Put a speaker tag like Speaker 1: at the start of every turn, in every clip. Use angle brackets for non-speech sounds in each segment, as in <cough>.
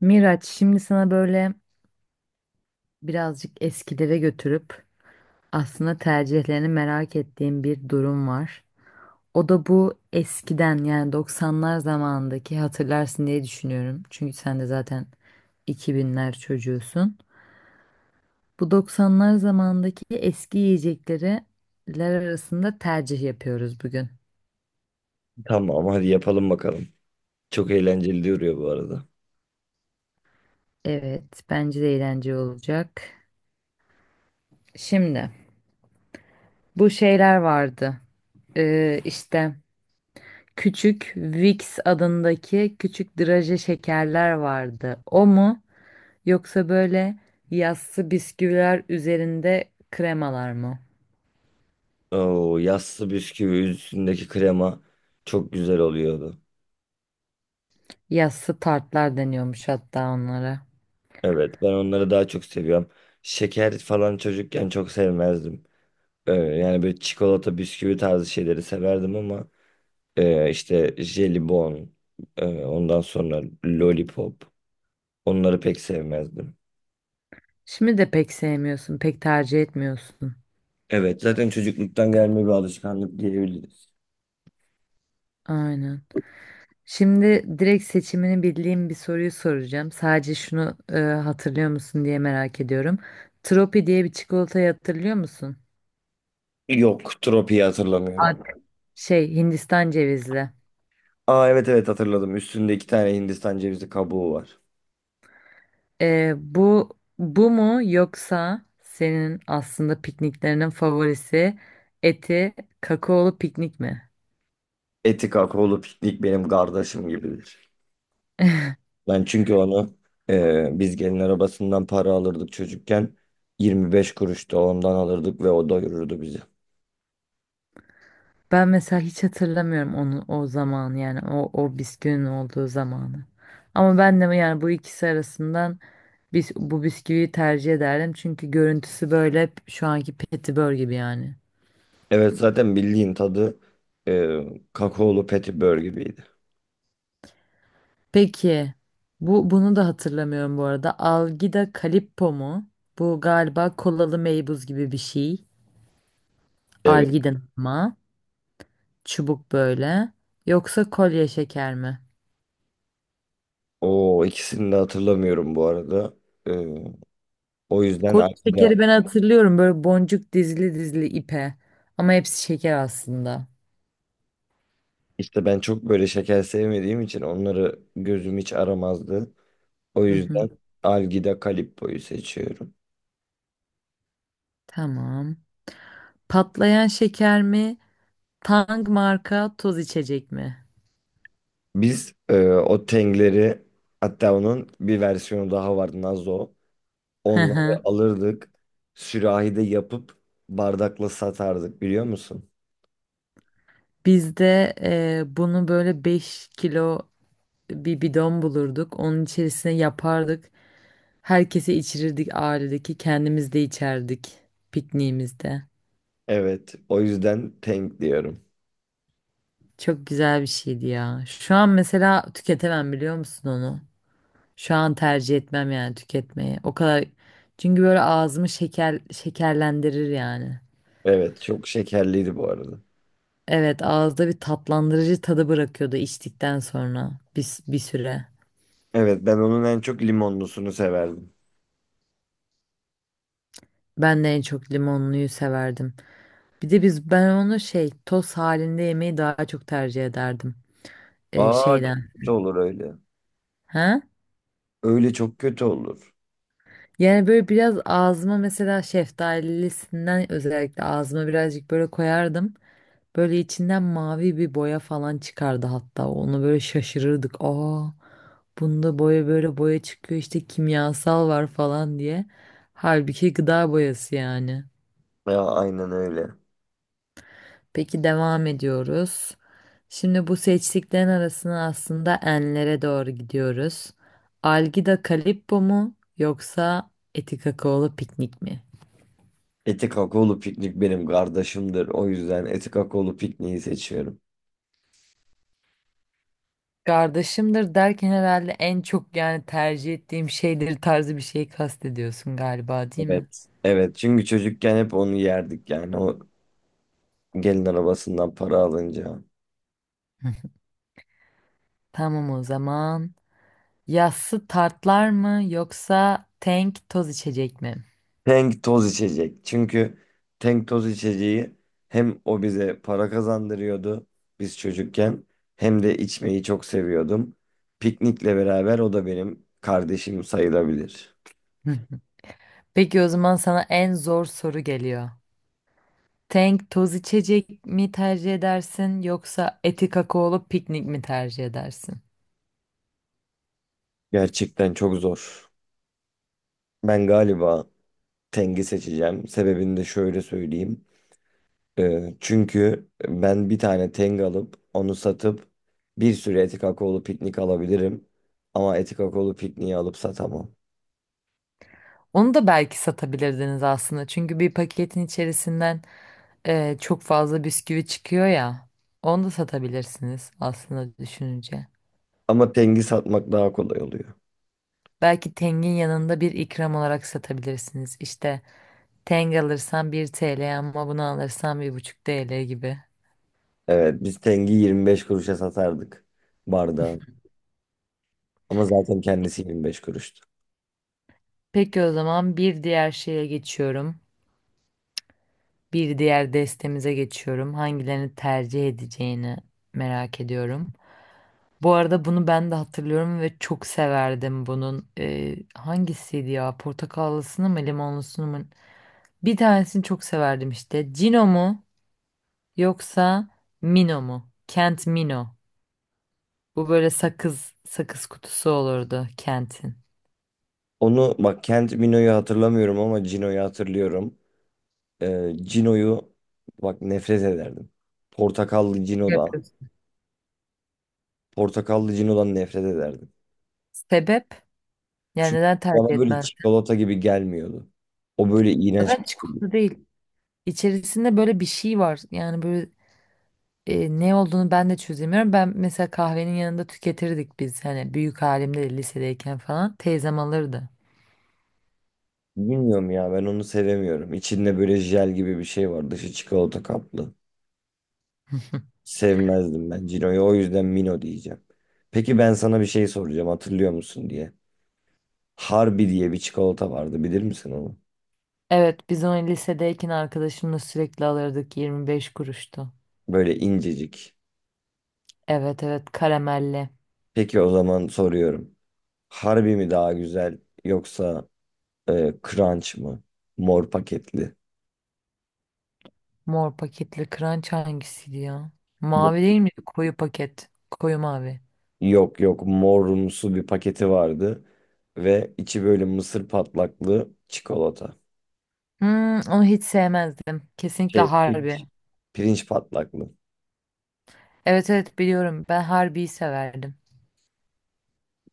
Speaker 1: Miraç, şimdi sana böyle birazcık eskilere götürüp aslında tercihlerini merak ettiğim bir durum var. O da bu eskiden yani 90'lar zamanındaki hatırlarsın diye düşünüyorum. Çünkü sen de zaten 2000'ler çocuğusun. Bu 90'lar zamanındaki eski yiyecekleri ler arasında tercih yapıyoruz bugün.
Speaker 2: Tamam, hadi yapalım bakalım. Çok eğlenceli duruyor bu arada.
Speaker 1: Evet, bence de eğlenceli olacak. Şimdi bu şeyler vardı. İşte Küçük Vicks adındaki küçük draje şekerler vardı. O mu yoksa böyle yassı bisküviler üzerinde kremalar mı?
Speaker 2: Oo, yassı bisküvi üstündeki krema çok güzel oluyordu.
Speaker 1: Yassı tartlar deniyormuş hatta onlara.
Speaker 2: Evet, ben onları daha çok seviyorum. Şeker falan çocukken çok sevmezdim. Yani böyle çikolata bisküvi tarzı şeyleri severdim ama işte jelibon, ondan sonra lollipop, onları pek sevmezdim.
Speaker 1: Şimdi de pek sevmiyorsun, pek tercih etmiyorsun.
Speaker 2: Evet, zaten çocukluktan gelme bir alışkanlık diyebiliriz.
Speaker 1: Aynen. Şimdi direkt seçimini bildiğim bir soruyu soracağım. Sadece şunu hatırlıyor musun diye merak ediyorum. Tropi diye bir çikolatayı hatırlıyor musun?
Speaker 2: Yok, tropiyi hatırlamıyorum.
Speaker 1: Ad- Şey, Hindistan cevizli.
Speaker 2: Aa, evet evet, hatırladım. Üstünde iki tane Hindistan cevizi kabuğu var.
Speaker 1: Bu bu mu yoksa senin aslında pikniklerinin favorisi eti kakaolu piknik mi?
Speaker 2: Eti kakaolu piknik benim kardeşim gibidir. Ben çünkü onu, biz gelin arabasından para alırdık çocukken. 25 kuruş da ondan alırdık ve o doyururdu bizi.
Speaker 1: Ben mesela hiç hatırlamıyorum onu o zaman yani o bisküvinin olduğu zamanı. Ama ben de yani bu ikisi arasından biz bu bisküviyi tercih ederdim çünkü görüntüsü böyle şu anki Petibör gibi yani.
Speaker 2: Evet, zaten bildiğin tadı e, kakaolu petibör gibiydi.
Speaker 1: Peki bunu da hatırlamıyorum bu arada. Algida Calippo mu? Bu galiba kolalı meybuz gibi bir şey.
Speaker 2: Evet.
Speaker 1: Algida'nın ama. Çubuk böyle. Yoksa kolye şeker mi?
Speaker 2: O ikisini de hatırlamıyorum bu arada. E, O yüzden
Speaker 1: Kolye
Speaker 2: aklımda,
Speaker 1: şekeri ben hatırlıyorum, böyle boncuk dizili dizili ipe. Ama hepsi şeker aslında.
Speaker 2: işte ben çok böyle şeker sevmediğim için onları gözüm hiç aramazdı. O
Speaker 1: Hı hı.
Speaker 2: yüzden Algida Calippo'yu seçiyorum.
Speaker 1: Tamam. Patlayan şeker mi? Tang marka toz içecek mi?
Speaker 2: Biz o Tengleri, hatta onun bir versiyonu daha vardı, Nazo.
Speaker 1: Hı hı.
Speaker 2: Onları alırdık. Sürahide yapıp bardakla satardık, biliyor musun?
Speaker 1: Biz de bunu böyle 5 kilo bir bidon bulurduk. Onun içerisine yapardık. Herkese içirirdik ailedeki. Kendimiz de içerdik pikniğimizde.
Speaker 2: Evet. O yüzden Teng diyorum.
Speaker 1: Çok güzel bir şeydi ya. Şu an mesela tüketemem, biliyor musun onu? Şu an tercih etmem yani tüketmeyi. O kadar, çünkü böyle ağzımı şeker şekerlendirir yani.
Speaker 2: Evet, çok şekerliydi bu arada.
Speaker 1: Evet, ağızda bir tatlandırıcı tadı bırakıyordu içtikten sonra bir süre.
Speaker 2: Evet, ben onun en çok limonlusunu severdim.
Speaker 1: Ben de en çok limonluyu severdim. Bir de ben onu şey toz halinde yemeyi daha çok tercih ederdim,
Speaker 2: Aa, çok
Speaker 1: şeyden.
Speaker 2: kötü olur öyle.
Speaker 1: Ha?
Speaker 2: Öyle çok kötü olur.
Speaker 1: Yani böyle biraz ağzıma mesela şeftalisinden özellikle ağzıma birazcık böyle koyardım. Böyle içinden mavi bir boya falan çıkardı hatta. Onu böyle şaşırırdık. Aa, bunda boya, böyle boya çıkıyor işte, kimyasal var falan diye. Halbuki gıda boyası yani.
Speaker 2: Ya aynen öyle.
Speaker 1: Peki devam ediyoruz. Şimdi bu seçtiklerin arasına aslında enlere doğru gidiyoruz. Algida Calippo mu yoksa Eti Kakaolu Piknik mi?
Speaker 2: Eti kakaolu piknik benim kardeşimdir. O yüzden eti kakaolu pikniği seçiyorum.
Speaker 1: Kardeşimdir derken herhalde en çok yani tercih ettiğim şeydir tarzı bir şey kastediyorsun galiba, değil mi?
Speaker 2: Evet. Evet. Çünkü çocukken hep onu yerdik yani. O gelin arabasından para alınca.
Speaker 1: Tamam o zaman. Yassı tartlar mı yoksa tank toz içecek mi?
Speaker 2: Tank toz içecek. Çünkü tank toz içeceği hem o bize para kazandırıyordu biz çocukken, hem de içmeyi çok seviyordum. Piknikle beraber o da benim kardeşim sayılabilir.
Speaker 1: Hı. Peki o zaman sana en zor soru geliyor. Tank toz içecek mi tercih edersin yoksa eti kakaolu piknik mi tercih edersin?
Speaker 2: Gerçekten çok zor. Ben galiba Teng'i seçeceğim. Sebebini de şöyle söyleyeyim. Çünkü ben bir tane Teng alıp onu satıp bir sürü etik akaolu piknik alabilirim. Ama etik akaolu pikniği alıp satamam.
Speaker 1: Onu da belki satabilirdiniz aslında. Çünkü bir paketin içerisinden çok fazla bisküvi çıkıyor ya. Onu da satabilirsiniz aslında düşününce.
Speaker 2: Ama Teng'i satmak daha kolay oluyor.
Speaker 1: Belki tengin yanında bir ikram olarak satabilirsiniz. İşte Tenge alırsan 1 TL ama bunu alırsan 1,5 TL gibi.
Speaker 2: Evet, biz Teng'i 25 kuruşa satardık bardağı. Ama zaten kendisi 25 kuruştu.
Speaker 1: Peki o zaman bir diğer şeye geçiyorum. Bir diğer destemize geçiyorum. Hangilerini tercih edeceğini merak ediyorum. Bu arada bunu ben de hatırlıyorum ve çok severdim bunun. Hangisiydi ya? Portakallısını mı, limonlusunu mu? Bir tanesini çok severdim işte. Cino mu yoksa Mino mu? Kent Mino. Bu böyle sakız sakız kutusu olurdu Kent'in.
Speaker 2: Onu bak, Kent Mino'yu hatırlamıyorum ama Cino'yu hatırlıyorum. Cino'yu bak, nefret ederdim. Portakallı Cino'dan.
Speaker 1: Yapıyorsun.
Speaker 2: Portakallı Cino'dan nefret ederdim.
Speaker 1: Sebep? Yani
Speaker 2: Çünkü
Speaker 1: neden tercih
Speaker 2: bana böyle
Speaker 1: etmez?
Speaker 2: çikolata gibi gelmiyordu. O böyle iğrenç
Speaker 1: Zaten
Speaker 2: bir şeydi.
Speaker 1: çikolata değil. İçerisinde böyle bir şey var. Yani böyle, ne olduğunu ben de çözemiyorum. Ben mesela kahvenin yanında tüketirdik biz. Hani büyük halimde de lisedeyken falan. Teyzem alırdı.
Speaker 2: Bilmiyorum ya, ben onu sevemiyorum. İçinde böyle jel gibi bir şey var. Dışı çikolata kaplı. Sevmezdim ben Cino'yu. O yüzden Mino diyeceğim. Peki ben sana bir şey soracağım, hatırlıyor musun diye. Harbi diye bir çikolata vardı, bilir misin onu?
Speaker 1: Evet biz onu lisedeyken arkadaşımla sürekli alırdık. 25 kuruştu.
Speaker 2: Böyle incecik.
Speaker 1: Evet evet, karamelli.
Speaker 2: Peki o zaman soruyorum. Harbi mi daha güzel, yoksa Crunch mı? Mor paketli.
Speaker 1: Mor paketli crunch hangisiydi ya? Mavi değil mi? Koyu paket. Koyu mavi.
Speaker 2: Yok yok, morumsu bir paketi vardı ve içi böyle mısır patlaklı çikolata.
Speaker 1: Hmm, onu hiç sevmezdim. Kesinlikle
Speaker 2: Şey,
Speaker 1: harbi.
Speaker 2: pirinç. Pirinç patlaklı.
Speaker 1: Evet evet biliyorum. Ben harbiyi severdim.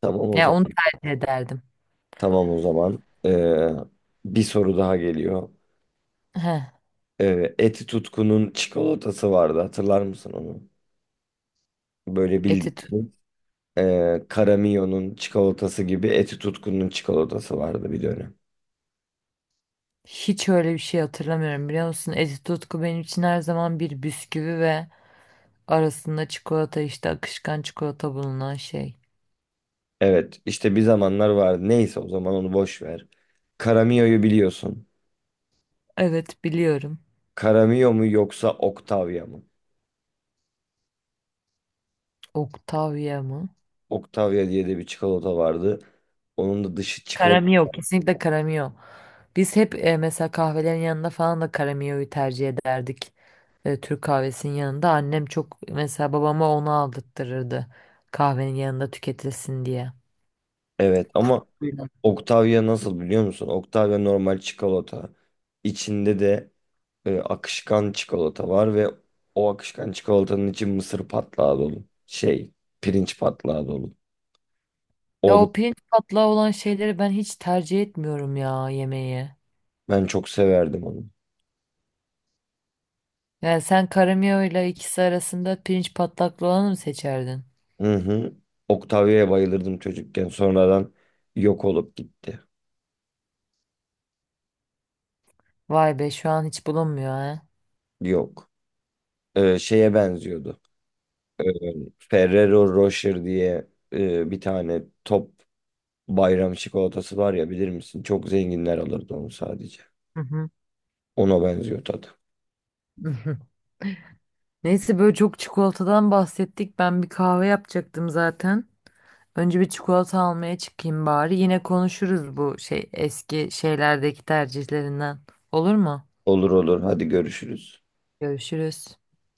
Speaker 2: Tamam o
Speaker 1: Ya
Speaker 2: zaman.
Speaker 1: onu tercih ederdim.
Speaker 2: Tamam o zaman. Bir soru daha geliyor.
Speaker 1: Heh,
Speaker 2: Eti Tutku'nun çikolatası vardı, hatırlar mısın onu? Böyle
Speaker 1: Etitut.
Speaker 2: bildiğin. Caramio'nun çikolatası gibi Eti Tutku'nun çikolatası vardı bir dönem.
Speaker 1: Hiç öyle bir şey hatırlamıyorum biliyor musun? Eti tutku benim için her zaman bir bisküvi ve arasında çikolata, işte akışkan çikolata bulunan şey.
Speaker 2: Evet, işte bir zamanlar vardı. Neyse, o zaman onu boş ver. Caramio'yu biliyorsun.
Speaker 1: Evet biliyorum.
Speaker 2: Caramio mu yoksa Octavia mı?
Speaker 1: Octavia mı?
Speaker 2: Octavia diye de bir çikolata vardı. Onun da dışı çikolata.
Speaker 1: Karamio, kesinlikle karamio. Biz hep, mesela kahvelerin yanında falan da karamioyu tercih ederdik. Türk kahvesinin yanında annem çok mesela babama onu aldırtırırdı. Kahvenin yanında tüketilsin diye.
Speaker 2: Evet ama
Speaker 1: Kutusuyla.
Speaker 2: Octavia nasıl biliyor musun? Octavia normal çikolata. İçinde de akışkan çikolata var ve o akışkan çikolatanın içi mısır patlağı dolu. Şey, pirinç patlağı dolu.
Speaker 1: Ya
Speaker 2: Onu
Speaker 1: o pirinç patlağı olan şeyleri ben hiç tercih etmiyorum ya yemeği.
Speaker 2: ben çok severdim onu.
Speaker 1: Yani sen karamiyo ile ikisi arasında pirinç patlaklı olanı mı seçerdin?
Speaker 2: Hı hı. Octavia'ya bayılırdım çocukken. Sonradan yok olup gitti.
Speaker 1: Vay be, şu an hiç bulunmuyor ha.
Speaker 2: Yok. Şeye benziyordu. Ee, Ferrero Rocher diye bir tane top bayram çikolatası var ya, bilir misin? Çok zenginler alırdı onu sadece.
Speaker 1: Hı hı.
Speaker 2: Ona benziyor tadı.
Speaker 1: <laughs> Neyse, böyle çok çikolatadan bahsettik. Ben bir kahve yapacaktım zaten. Önce bir çikolata almaya çıkayım bari. Yine konuşuruz bu şey eski şeylerdeki tercihlerinden. Olur mu?
Speaker 2: Olur olur, hadi görüşürüz.
Speaker 1: Görüşürüz.